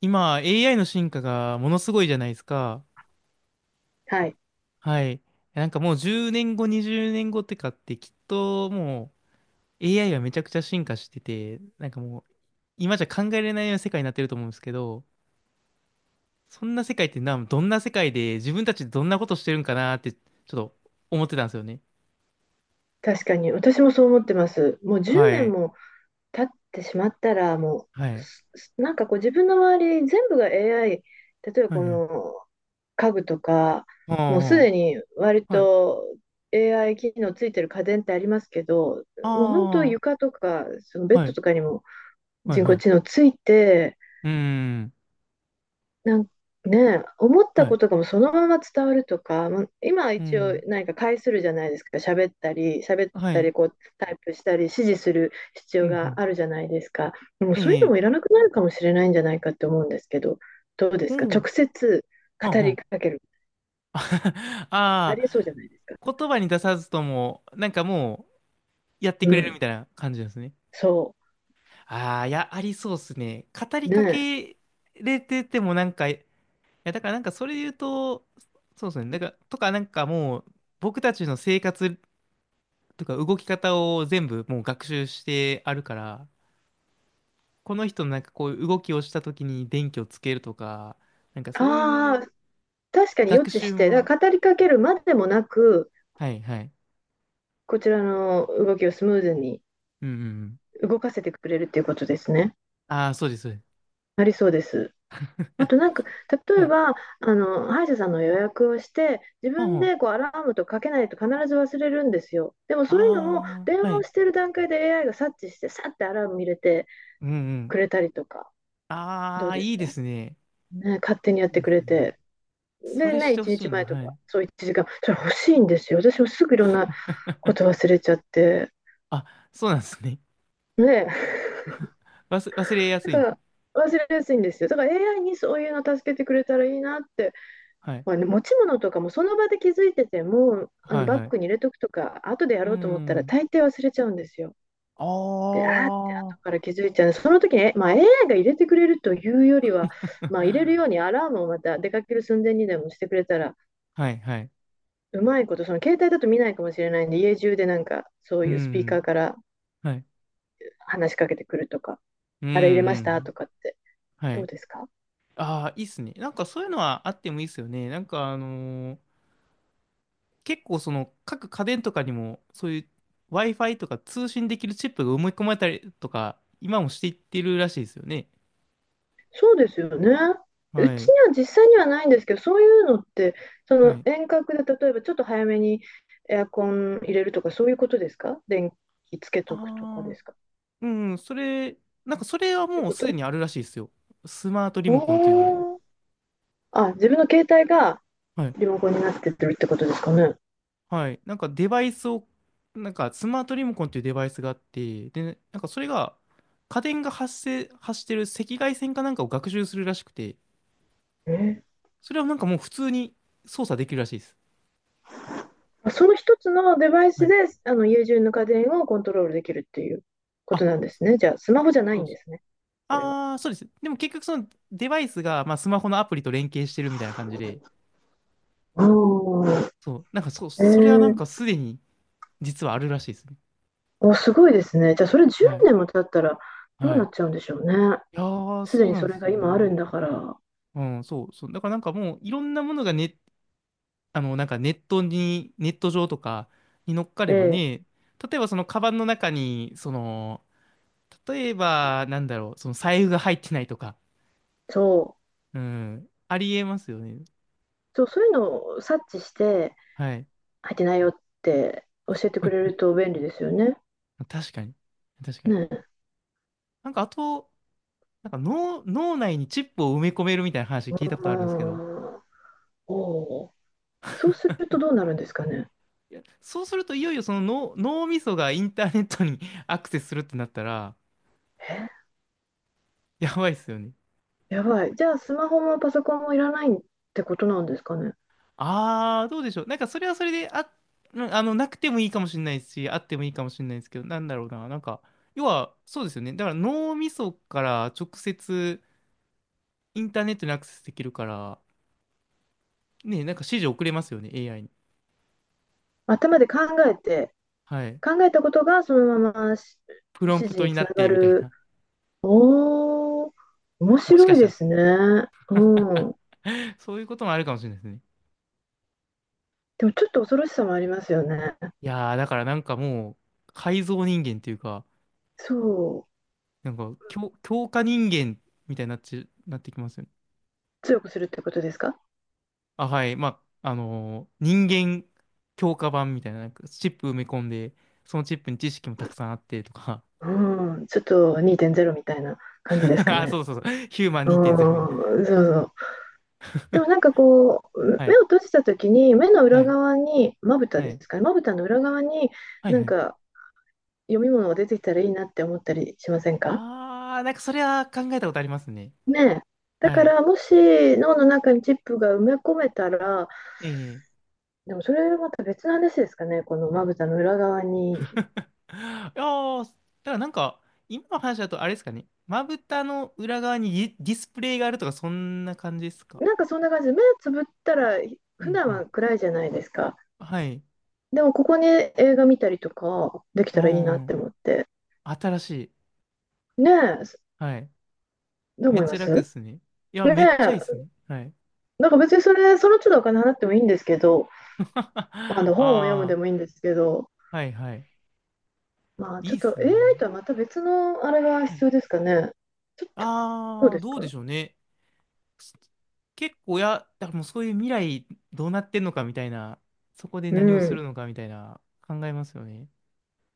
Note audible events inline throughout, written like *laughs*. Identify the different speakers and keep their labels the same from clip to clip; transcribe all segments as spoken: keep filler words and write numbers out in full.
Speaker 1: 今、エーアイ の進化がものすごいじゃないですか。
Speaker 2: はい。
Speaker 1: はい。なんかもうじゅうねんご、にじゅうねんごってかってきっともう エーアイ はめちゃくちゃ進化してて、なんかもう今じゃ考えられないような世界になってると思うんですけど、そんな世界ってな、どんな世界で自分たちどんなことしてるんかなってちょっと思ってたんですよね。
Speaker 2: 確かに。私もそう思ってます。もう
Speaker 1: は
Speaker 2: じゅうねん
Speaker 1: い。
Speaker 2: も経ってしまったら、も
Speaker 1: は
Speaker 2: う、
Speaker 1: い。
Speaker 2: すすなんかこう自分の周り全部が エーアイ、例えば
Speaker 1: はい
Speaker 2: こ
Speaker 1: は
Speaker 2: の
Speaker 1: い。
Speaker 2: 家具とか、もうす
Speaker 1: あ
Speaker 2: でに割
Speaker 1: あ、はい。
Speaker 2: と エーアイ 機能ついてる家電ってありますけど、
Speaker 1: あ
Speaker 2: もう本当
Speaker 1: あ、
Speaker 2: 床とか、そのベッ
Speaker 1: は
Speaker 2: ド
Speaker 1: い。
Speaker 2: とかにも
Speaker 1: はい
Speaker 2: 人
Speaker 1: は
Speaker 2: 工知
Speaker 1: い。
Speaker 2: 能ついて、
Speaker 1: うーん。
Speaker 2: なんね、思った
Speaker 1: はい。
Speaker 2: ことがもうそのまま伝わるとか、まあ今
Speaker 1: う
Speaker 2: 一応
Speaker 1: ん。
Speaker 2: 何か介するじゃないですか、喋ったり、喋っ
Speaker 1: は
Speaker 2: た
Speaker 1: い。
Speaker 2: りこうタイプしたり、指示する必
Speaker 1: う
Speaker 2: 要
Speaker 1: んう
Speaker 2: が
Speaker 1: ん。
Speaker 2: あるじゃないですか。でも
Speaker 1: え
Speaker 2: そういうのも
Speaker 1: え。
Speaker 2: いらなくなるかもしれないんじゃないかって思うんですけど、どうで
Speaker 1: お
Speaker 2: すか、直
Speaker 1: お。
Speaker 2: 接
Speaker 1: はん
Speaker 2: 語
Speaker 1: は
Speaker 2: り
Speaker 1: ん。
Speaker 2: かける、
Speaker 1: *laughs*
Speaker 2: あ
Speaker 1: ああ、
Speaker 2: りえそうじゃないですか。
Speaker 1: 言葉に出さずとも、なんかもうやって
Speaker 2: う
Speaker 1: くれるみ
Speaker 2: ん、
Speaker 1: たいな感じなんですね。
Speaker 2: そ
Speaker 1: ああ、いや、ありそうですね。語り
Speaker 2: う、ね
Speaker 1: か
Speaker 2: え、
Speaker 1: けれててもなんか、いや、だからなんかそれで言うと、そうですね。なんか、とかなんかもう、僕たちの生活とか動き方を全部もう学習してあるから、この人のなんかこういう動きをした時に電気をつけるとか、なんかそうい
Speaker 2: ああ、
Speaker 1: う
Speaker 2: 確かに予
Speaker 1: 学
Speaker 2: 知し
Speaker 1: 習
Speaker 2: て、だ
Speaker 1: も。
Speaker 2: から語りかけるまでもなく、
Speaker 1: はいはい。
Speaker 2: こちらの動きをスムーズに
Speaker 1: うんうんうん。
Speaker 2: 動かせてくれるっていうことですね。
Speaker 1: ああ、そうです、そうで
Speaker 2: ありそうです。
Speaker 1: す。
Speaker 2: あとなんか、
Speaker 1: *laughs*
Speaker 2: 例
Speaker 1: は
Speaker 2: え
Speaker 1: い。
Speaker 2: ば、あの、歯医者さんの予約をして、自分
Speaker 1: あ
Speaker 2: で
Speaker 1: あ
Speaker 2: こうアラームとかけないと必ず忘れるんですよ。でもそういうのも、
Speaker 1: ああ、
Speaker 2: 電
Speaker 1: は
Speaker 2: 話を
Speaker 1: い。
Speaker 2: してる段階で エーアイ が察知して、さってアラーム入れて
Speaker 1: うんうん。
Speaker 2: くれたりとか、ど
Speaker 1: あ
Speaker 2: う
Speaker 1: あ、
Speaker 2: です
Speaker 1: いいで
Speaker 2: か
Speaker 1: すね。
Speaker 2: ね、勝手に
Speaker 1: い
Speaker 2: やっ
Speaker 1: い
Speaker 2: て
Speaker 1: で
Speaker 2: く
Speaker 1: す
Speaker 2: れ
Speaker 1: ね。
Speaker 2: て。
Speaker 1: そ
Speaker 2: で
Speaker 1: れし
Speaker 2: ね、
Speaker 1: てほ
Speaker 2: 1
Speaker 1: し
Speaker 2: 日
Speaker 1: いな。
Speaker 2: 前と
Speaker 1: は
Speaker 2: か、
Speaker 1: い。
Speaker 2: そういちじかん、それ欲しいんですよ。私もすぐいろんなこと忘れちゃって。
Speaker 1: あ、そうなんですね。
Speaker 2: ね、
Speaker 1: *laughs* 忘、忘れやす
Speaker 2: だ
Speaker 1: い
Speaker 2: か
Speaker 1: んですね。
Speaker 2: ら忘れやすいんですよ。だから エーアイ にそういうの助けてくれたらいいなって、
Speaker 1: はい。
Speaker 2: まあね、持ち物とかもその場で気づいてても、あ
Speaker 1: は
Speaker 2: の
Speaker 1: い
Speaker 2: バ
Speaker 1: は
Speaker 2: ッ
Speaker 1: い。
Speaker 2: グに入れとくとか、後でや
Speaker 1: う
Speaker 2: ろうと思ったら
Speaker 1: ん。
Speaker 2: 大抵忘れちゃうんですよ。
Speaker 1: あ
Speaker 2: で、あーって後か
Speaker 1: あ。
Speaker 2: ら気づいちゃう。その時に、えまあ、エーアイ が入れてくれるというよりは、まあ、入れ
Speaker 1: *laughs*
Speaker 2: るようにアラームをまた出かける寸前にでもしてくれたら、
Speaker 1: はいはい。
Speaker 2: うまいこと、その携帯だと見ないかもしれないんで、家中でなんかそう
Speaker 1: う
Speaker 2: いうスピーカ
Speaker 1: ん。
Speaker 2: ーから
Speaker 1: はい。
Speaker 2: 話しかけてくるとか、
Speaker 1: うん
Speaker 2: あれ入れま
Speaker 1: う
Speaker 2: した
Speaker 1: ん。
Speaker 2: とかって、
Speaker 1: は
Speaker 2: どう
Speaker 1: い。
Speaker 2: ですか？
Speaker 1: ああ、いいっすね。なんかそういうのはあってもいいっすよね。なんかあのー結構その各家電とかにもそういう Wi-Fi とか通信できるチップが埋め込まれたりとか、今もしていってるらしいですよね。
Speaker 2: そうですよね。う
Speaker 1: は
Speaker 2: ち
Speaker 1: い。
Speaker 2: には実際にはないんですけど、そういうのって、そ
Speaker 1: は
Speaker 2: の
Speaker 1: い。
Speaker 2: 遠隔で例えばちょっと早めにエアコン入れるとか、そういうことですか？電気つけ
Speaker 1: あ
Speaker 2: とくとかで
Speaker 1: あ、
Speaker 2: すか？
Speaker 1: うん、それ、なんかそれは
Speaker 2: という
Speaker 1: もう
Speaker 2: こ
Speaker 1: す
Speaker 2: と。
Speaker 1: でにあるらしいですよ。スマートリモコンっていうので。
Speaker 2: おー。あ、自分の携帯が
Speaker 1: はい。
Speaker 2: リモコンになってってるってことですかね。
Speaker 1: はい。なんかデバイスを、なんかスマートリモコンっていうデバイスがあって、で、なんかそれが、家電が発生、発してる赤外線かなんかを学習するらしくて、
Speaker 2: えー
Speaker 1: それはなんかもう普通に操作できるらしいです。
Speaker 2: その一つのデバイ
Speaker 1: は
Speaker 2: ス
Speaker 1: い。
Speaker 2: で、あの家中の家電をコントロールできるっていうこ
Speaker 1: あ、
Speaker 2: となんですね。じゃあ、スマホじゃない
Speaker 1: そう
Speaker 2: ん
Speaker 1: で
Speaker 2: で
Speaker 1: す。
Speaker 2: すね。それは。
Speaker 1: ああ、そうです。でも結局そのデバイスが、まあ、スマホのアプリと連携してるみたいな感じで、
Speaker 2: ああ、
Speaker 1: そう、なんかそ、
Speaker 2: え
Speaker 1: それはなん
Speaker 2: ー
Speaker 1: かすでに実はあるらしいですね。
Speaker 2: お、すごいですね。じゃあ、それ
Speaker 1: は
Speaker 2: 10
Speaker 1: い。
Speaker 2: 年も経ったらどう
Speaker 1: は
Speaker 2: な
Speaker 1: い。
Speaker 2: っちゃうんでしょうね。
Speaker 1: いやー、
Speaker 2: すで
Speaker 1: そう
Speaker 2: に
Speaker 1: なん
Speaker 2: そ
Speaker 1: で
Speaker 2: れ
Speaker 1: す
Speaker 2: が
Speaker 1: よ
Speaker 2: 今ある
Speaker 1: ね。
Speaker 2: んだから。
Speaker 1: うん、そう、そう。だからなんかもう、いろんなものがね、あの、なんかネットに、ネット上とかに乗っか
Speaker 2: え
Speaker 1: れば
Speaker 2: え、
Speaker 1: ね、例えばそのカバンの中に、その、例えば、なんだろう、その財布が入ってないとか、
Speaker 2: そう、
Speaker 1: うん、ありえますよね。
Speaker 2: そう、そういうのを察知して、
Speaker 1: はい。
Speaker 2: 入ってないよって教えてくれると便利ですよね。
Speaker 1: 確かに。確かに。
Speaker 2: ねえ。
Speaker 1: なんかあと、なんか脳、脳内にチップを埋め込めるみたいな話聞いたこ
Speaker 2: あ
Speaker 1: とあるんですけど、
Speaker 2: ー。おー。そうするとどうなるんですかね。
Speaker 1: いや、そうするといよいよその脳、脳みそがインターネットに *laughs* アクセスするってなったら、やばいっすよね。
Speaker 2: え、やばい。じゃあ、スマホもパソコンもいらないってことなんですかね。
Speaker 1: あー、どうでしょう。なんかそれはそれで、あ、うんあの、なくてもいいかもしれないし、あってもいいかもしれないですけど、なんだろうな。なんか、要は、そうですよね。だから脳みそから直接インターネットにアクセスできるから、ね、なんか指示送れますよね、エーアイ に。
Speaker 2: 頭で考えて、
Speaker 1: はい。
Speaker 2: 考えたことがそのままし
Speaker 1: プ
Speaker 2: 指
Speaker 1: ロンプ
Speaker 2: 示
Speaker 1: ト
Speaker 2: に
Speaker 1: に
Speaker 2: つ
Speaker 1: な
Speaker 2: な
Speaker 1: っ
Speaker 2: が
Speaker 1: て、みたい
Speaker 2: る。
Speaker 1: な。
Speaker 2: おー、面
Speaker 1: もし
Speaker 2: 白
Speaker 1: か
Speaker 2: い
Speaker 1: した
Speaker 2: で
Speaker 1: ら、
Speaker 2: すね。うん。
Speaker 1: *laughs* そういうこともあるかもしれないですね。
Speaker 2: でもちょっと恐ろしさもありますよね。
Speaker 1: いやー、だからなんかもう、改造人間っていうか、
Speaker 2: そう。
Speaker 1: なんか強、強化人間みたいになって、なってきますよね。
Speaker 2: 強くするってことですか？
Speaker 1: あ、はい。まあ、あのー人間強化版みたいな、なんかチップ埋め込んで、そのチップに知識もたくさんあってとか。
Speaker 2: うん。ちょっとにてんれいみたいな感じです
Speaker 1: *laughs*
Speaker 2: か
Speaker 1: あ、そ
Speaker 2: ね。
Speaker 1: うそうそう。ヒューマン
Speaker 2: う
Speaker 1: にてんゼロみたい
Speaker 2: ん。そうそう。で
Speaker 1: な。
Speaker 2: もな
Speaker 1: *laughs*
Speaker 2: んかこう、
Speaker 1: はい。
Speaker 2: 目を閉じたときに、目の
Speaker 1: は
Speaker 2: 裏
Speaker 1: い。
Speaker 2: 側に、まぶた
Speaker 1: は
Speaker 2: で
Speaker 1: い。
Speaker 2: すかね。まぶたの裏側に、
Speaker 1: はい
Speaker 2: なん
Speaker 1: はい。
Speaker 2: か読み物が出てきたらいいなって思ったりしませんか？
Speaker 1: あー、なんかそれは考えたことありますね。
Speaker 2: ねえ。だ
Speaker 1: は
Speaker 2: か
Speaker 1: い。
Speaker 2: らもし脳の中にチップが埋め込めたら、
Speaker 1: ええ。い
Speaker 2: でもそれまた別の話ですかね、このまぶたの裏側に。
Speaker 1: やー、だからなんか、今の話だとあれですかね。まぶたの裏側にディディスプレイがあるとか、そんな感じですか。
Speaker 2: なんかそんな感じで、目つぶったら
Speaker 1: う
Speaker 2: 普
Speaker 1: ん
Speaker 2: 段
Speaker 1: うん。
Speaker 2: は暗いじゃないですか。
Speaker 1: はい。
Speaker 2: でもここに映画見たりとかでき
Speaker 1: う
Speaker 2: たらいいなって
Speaker 1: ん。
Speaker 2: 思って。
Speaker 1: 新しい。
Speaker 2: ねえ、
Speaker 1: はい。
Speaker 2: どう
Speaker 1: め
Speaker 2: 思
Speaker 1: っ
Speaker 2: い
Speaker 1: ち
Speaker 2: ま
Speaker 1: ゃ楽っ
Speaker 2: す？
Speaker 1: すね。いや、
Speaker 2: ね
Speaker 1: めっちゃいいっす
Speaker 2: え、
Speaker 1: ね。はい。
Speaker 2: なんか別にそれ、その都度お金払ってもいいんですけど、あ
Speaker 1: *laughs*
Speaker 2: の
Speaker 1: あ
Speaker 2: 本を読むで
Speaker 1: あ、
Speaker 2: もいいんですけど、
Speaker 1: はいはい。
Speaker 2: まあ
Speaker 1: い
Speaker 2: ちょ
Speaker 1: い
Speaker 2: っ
Speaker 1: っ
Speaker 2: と
Speaker 1: す
Speaker 2: エーアイ
Speaker 1: ね。
Speaker 2: とはまた別のあれが
Speaker 1: はい。
Speaker 2: 必要ですかね。ちょ、ちょ、どう
Speaker 1: ああ、
Speaker 2: です
Speaker 1: どう
Speaker 2: か？
Speaker 1: でしょうね。す結構や、だからもうそういう未来どうなってんのかみたいな、そこで
Speaker 2: う
Speaker 1: 何をす
Speaker 2: ん。
Speaker 1: るのかみたいな考えますよね。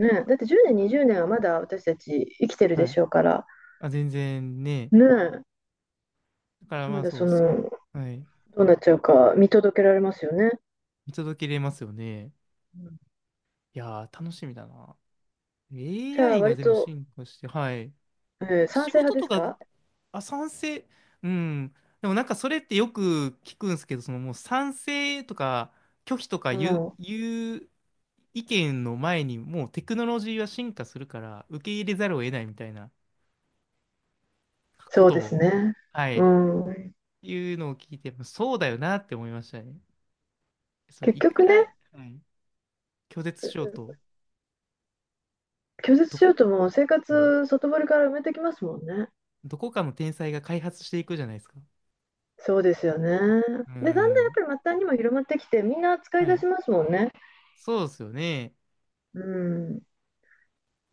Speaker 2: ねえ、だって10
Speaker 1: なん
Speaker 2: 年、
Speaker 1: か、
Speaker 2: にじゅうねんはまだ私たち生きてる
Speaker 1: は
Speaker 2: で
Speaker 1: い。
Speaker 2: しょうから、
Speaker 1: あ、全然ね。
Speaker 2: ねえ、
Speaker 1: だからま
Speaker 2: ま
Speaker 1: あ
Speaker 2: だ
Speaker 1: そ
Speaker 2: そ
Speaker 1: う、そ、
Speaker 2: の、
Speaker 1: はい。
Speaker 2: どうなっちゃうか見届けられますよね。
Speaker 1: 見届けれますよね。
Speaker 2: うん。
Speaker 1: いやー、楽しみだな。
Speaker 2: じゃあ、
Speaker 1: エーアイ が
Speaker 2: 割
Speaker 1: でも
Speaker 2: と、
Speaker 1: 進化して、はい。
Speaker 2: えー賛
Speaker 1: 仕
Speaker 2: 成
Speaker 1: 事
Speaker 2: 派で
Speaker 1: と
Speaker 2: す
Speaker 1: か、
Speaker 2: か？
Speaker 1: あ、賛成。うん。でもなんかそれってよく聞くんですけど、そのもう賛成とか拒否とか
Speaker 2: う
Speaker 1: 言う、
Speaker 2: ん、
Speaker 1: 言う意見の前にもうテクノロジーは進化するから受け入れざるを得ないみたいなこ
Speaker 2: そう
Speaker 1: と
Speaker 2: です
Speaker 1: を、
Speaker 2: ね。
Speaker 1: は
Speaker 2: う
Speaker 1: い、
Speaker 2: ん。
Speaker 1: いうのを聞いて、そうだよなって思いましたね。その
Speaker 2: 結
Speaker 1: いく
Speaker 2: 局
Speaker 1: ら、
Speaker 2: ね、
Speaker 1: はい、拒絶しようと、
Speaker 2: 拒絶
Speaker 1: ど
Speaker 2: しよう
Speaker 1: こ、
Speaker 2: とも生
Speaker 1: はい、
Speaker 2: 活外堀から埋めてきますもんね。
Speaker 1: どこかの天才が開発していくじゃないですか。
Speaker 2: そうですよね。で、だんだんや
Speaker 1: うん。
Speaker 2: っぱり末端にも広まってきて、みんな使い
Speaker 1: は
Speaker 2: 出
Speaker 1: い。
Speaker 2: しますもんね。
Speaker 1: そうですよね。
Speaker 2: うん。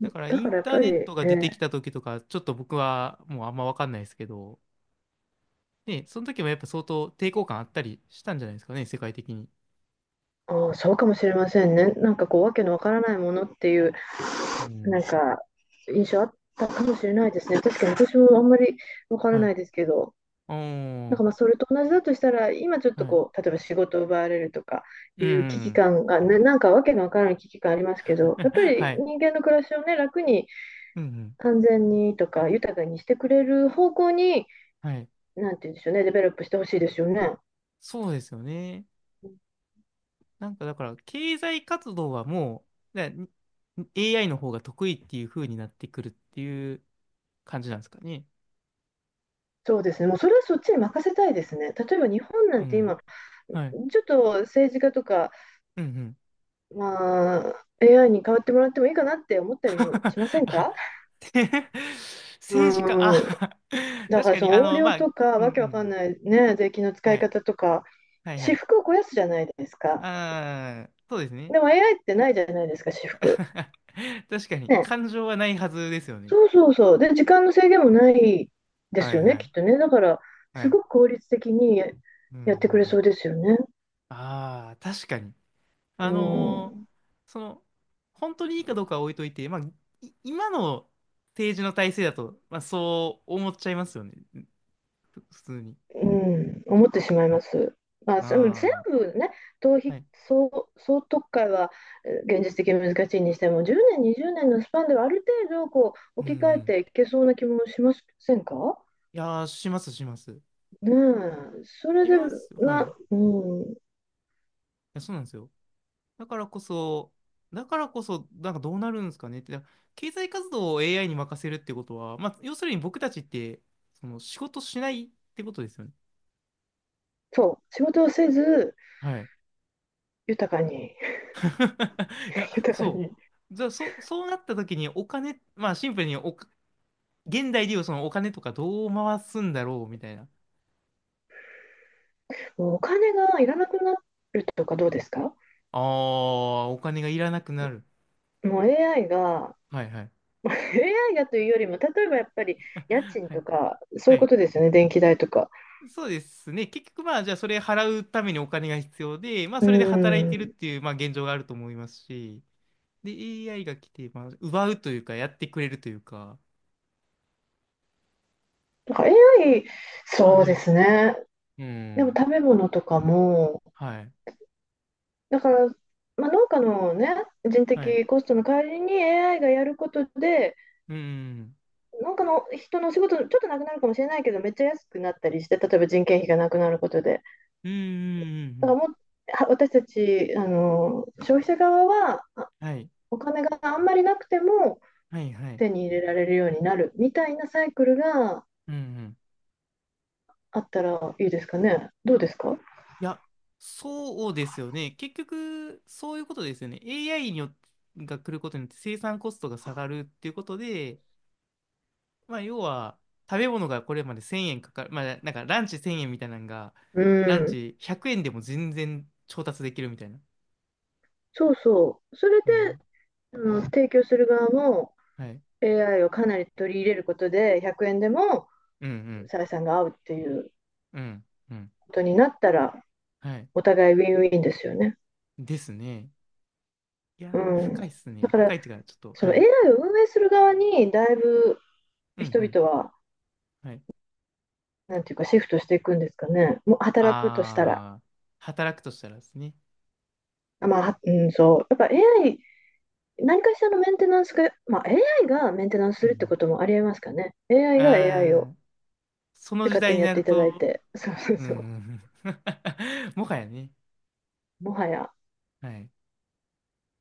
Speaker 1: だから
Speaker 2: だ
Speaker 1: イ
Speaker 2: か
Speaker 1: ン
Speaker 2: らやっ
Speaker 1: ター
Speaker 2: ぱ
Speaker 1: ネ
Speaker 2: り、
Speaker 1: ッ
Speaker 2: え
Speaker 1: トが出てき
Speaker 2: ー
Speaker 1: た時とか、ちょっと僕はもうあんまわかんないですけど、ね、その時もやっぱ相当抵抗感あったりしたんじゃないですかね、世界的に。
Speaker 2: あー、そうかもしれませんね。なんかこう、わけのわからないものっていう
Speaker 1: う
Speaker 2: なん
Speaker 1: ん。
Speaker 2: か、印象あったかもしれないですね。確かに私もあんまりわから
Speaker 1: は
Speaker 2: な
Speaker 1: い。
Speaker 2: いですけど、
Speaker 1: お
Speaker 2: なん
Speaker 1: ー、
Speaker 2: かまあそれと同じだとしたら、今ちょっと
Speaker 1: はい。
Speaker 2: こう、例えば仕事を奪われるとか
Speaker 1: う
Speaker 2: いう危機
Speaker 1: ん。
Speaker 2: 感が、な、なんかわけのわからない危機感ありますけど、やっぱ
Speaker 1: *laughs* は
Speaker 2: り
Speaker 1: い。
Speaker 2: 人間の暮らしをね、楽に
Speaker 1: うんうん。
Speaker 2: 安全にとか豊かにしてくれる方向に、
Speaker 1: はい。
Speaker 2: なんて言うんでしょうね、デベロップしてほしいですよね。
Speaker 1: そうですよね。なんかだから、経済活動はもう、だ エーアイ の方が得意っていう風になってくるっていう感じなんですかね。
Speaker 2: そうですね、もうそれはそっちに任せたいですね。例えば日本な
Speaker 1: う
Speaker 2: んて
Speaker 1: ん。
Speaker 2: 今、ち
Speaker 1: はい。
Speaker 2: ょっと政治家とか
Speaker 1: うんうん。
Speaker 2: まあ、エーアイ に代わってもらってもいいかなって思ったりもしませ
Speaker 1: *laughs*
Speaker 2: ん
Speaker 1: あ
Speaker 2: か？
Speaker 1: て。 *laughs* 政治家、あ。
Speaker 2: うん。
Speaker 1: *laughs*
Speaker 2: だ
Speaker 1: 確
Speaker 2: から
Speaker 1: か
Speaker 2: そ
Speaker 1: に、
Speaker 2: の
Speaker 1: あ
Speaker 2: 横
Speaker 1: の、
Speaker 2: 領
Speaker 1: まあ、う
Speaker 2: と
Speaker 1: ん
Speaker 2: か、
Speaker 1: う
Speaker 2: わけわかん
Speaker 1: ん。
Speaker 2: ないね、税金の使
Speaker 1: は
Speaker 2: い
Speaker 1: い。
Speaker 2: 方とか、
Speaker 1: はいは
Speaker 2: 私
Speaker 1: い。
Speaker 2: 服を肥やすじゃないですか。
Speaker 1: ああ、そうですね。
Speaker 2: でも エーアイ ってないじゃないですか、私服。
Speaker 1: *laughs* 確かに、
Speaker 2: ね。
Speaker 1: 感情はないはずですよね。
Speaker 2: そうそうそう。で、時間の制限もないで
Speaker 1: は
Speaker 2: す
Speaker 1: い
Speaker 2: よ
Speaker 1: は
Speaker 2: ね、きっと
Speaker 1: い。
Speaker 2: ね。だから、
Speaker 1: は
Speaker 2: す
Speaker 1: い。
Speaker 2: ごく効率的に
Speaker 1: うんうんう
Speaker 2: やってくれそ
Speaker 1: ん。
Speaker 2: うですよね。
Speaker 1: ああ、確かに。
Speaker 2: う
Speaker 1: あの
Speaker 2: ん。
Speaker 1: ーその、本当にいいかどうかは置いといて、まあ、い今の政治の体制だと、まあ、そう思っちゃいますよね。ふ普通に。
Speaker 2: うん、思ってしまいます。まあ、その全
Speaker 1: あ
Speaker 2: 部ね、逃
Speaker 1: あ、
Speaker 2: 避、
Speaker 1: はい。
Speaker 2: 総、総特会はえー現実的に難しいにしても、じゅうねん、にじゅうねんのスパンではある程度こう
Speaker 1: うんう
Speaker 2: 置き換え
Speaker 1: ん。
Speaker 2: ていけそうな気もしませんか？
Speaker 1: いやー、しますします。
Speaker 2: ねえ、それ
Speaker 1: い
Speaker 2: で、
Speaker 1: ますよ。はい。
Speaker 2: な、
Speaker 1: い
Speaker 2: うん、
Speaker 1: や、そうなんですよ。だからこそ、だからこそ、なんかどうなるんですかねって、だから経済活動を エーアイ に任せるってことは、まあ、要するに僕たちって、その仕事しないってことですよね。
Speaker 2: そう、仕事をせず、
Speaker 1: はい。
Speaker 2: 豊かに、
Speaker 1: *laughs* いや、
Speaker 2: *laughs* 豊か
Speaker 1: そ
Speaker 2: に、
Speaker 1: う。じゃあ、そ、そうなった時にお金、まあ、シンプルにお、現代でいうそのお金とかどう回すんだろうみたいな。
Speaker 2: もうお金がいらなくなるとかどうですか？
Speaker 1: ああ、お金がいらなくなる。
Speaker 2: もう エーアイ が、
Speaker 1: はいはい。
Speaker 2: *laughs* エーアイ がというよりも、例えばやっぱり家
Speaker 1: *laughs*
Speaker 2: 賃
Speaker 1: は
Speaker 2: と
Speaker 1: い。
Speaker 2: か、そう
Speaker 1: は
Speaker 2: いうこ
Speaker 1: い。
Speaker 2: とですよね、電気代とか。
Speaker 1: そうですね。結局まあ、じゃあそれ払うためにお金が必要で、まあ
Speaker 2: う
Speaker 1: それで働いてるっ
Speaker 2: ん。
Speaker 1: ていう、まあ現状があると思いますし、で、エーアイ が来て、まあ、奪うというか、やってくれるというか、
Speaker 2: だから エーアイ、
Speaker 1: あ、
Speaker 2: そう
Speaker 1: は
Speaker 2: で
Speaker 1: い。
Speaker 2: すね。
Speaker 1: う
Speaker 2: でも
Speaker 1: ん。
Speaker 2: 食べ物とかも、
Speaker 1: はい。
Speaker 2: だから、まあ、農家のね、人
Speaker 1: はい。
Speaker 2: 的コストの代わりに エーアイ がやることで、
Speaker 1: うん。
Speaker 2: 農家の人のお仕事、ちょっとなくなるかもしれないけど、めっちゃ安くなったりして、例えば人件費がなくなることで。
Speaker 1: うん。うん。う
Speaker 2: だから
Speaker 1: ん
Speaker 2: もう、は私たち、あの、消費者側は、あ
Speaker 1: うん、はい。
Speaker 2: お金があんまりなくても
Speaker 1: はい。はい。
Speaker 2: 手に入れられるようになるみたいなサイクルが
Speaker 1: うん。うん。
Speaker 2: あったらいいですかね。どうですか？
Speaker 1: いや、そうですよね。結局、そういうことですよね。エーアイ によっが来ることによって生産コストが下がるっていうことで、まあ、要は、食べ物がこれまでせんえんかかる。まあ、なんかランチせんえんみたいなのが、
Speaker 2: う
Speaker 1: ラン
Speaker 2: ん。
Speaker 1: チひゃくえんでも全然調達できるみたいな。
Speaker 2: そうそう。それで、
Speaker 1: うん。
Speaker 2: あの、提供する側も
Speaker 1: はい。
Speaker 2: エーアイ をかなり取り入れることで、ひゃくえんでも
Speaker 1: うんうん。
Speaker 2: 採算が合うっていう
Speaker 1: うん。うん。
Speaker 2: ことになったら、
Speaker 1: はい。
Speaker 2: お互いウィンウィンですよね。
Speaker 1: ですね。いや
Speaker 2: う
Speaker 1: ー、
Speaker 2: ん。
Speaker 1: 深いっす
Speaker 2: だ
Speaker 1: ね。
Speaker 2: か
Speaker 1: 深
Speaker 2: ら、
Speaker 1: いっていうか、ちょっと、
Speaker 2: そ
Speaker 1: は
Speaker 2: の
Speaker 1: い。
Speaker 2: エーアイ を運営する側に、だいぶ
Speaker 1: うん
Speaker 2: 人
Speaker 1: うん。
Speaker 2: 々は、
Speaker 1: はい。
Speaker 2: なんていうか、シフトしていくんですかね。もう働くとしたら。
Speaker 1: あー、働くとしたらですね。
Speaker 2: あまあ、はうん、そう。やっぱ エーアイ、何かしらのメンテナンスが、まあ、AI がメンテナンス
Speaker 1: う
Speaker 2: するって
Speaker 1: ん
Speaker 2: こともありえますかね。
Speaker 1: うん。
Speaker 2: エーアイ が エーアイ
Speaker 1: あ
Speaker 2: を
Speaker 1: ー、その
Speaker 2: で
Speaker 1: 時
Speaker 2: 勝手
Speaker 1: 代
Speaker 2: に
Speaker 1: に
Speaker 2: やっ
Speaker 1: な
Speaker 2: て
Speaker 1: る
Speaker 2: いただい
Speaker 1: と、
Speaker 2: て。そうそう
Speaker 1: うんう
Speaker 2: そう。
Speaker 1: んうん。*laughs* もはやね。
Speaker 2: もはや。
Speaker 1: はい。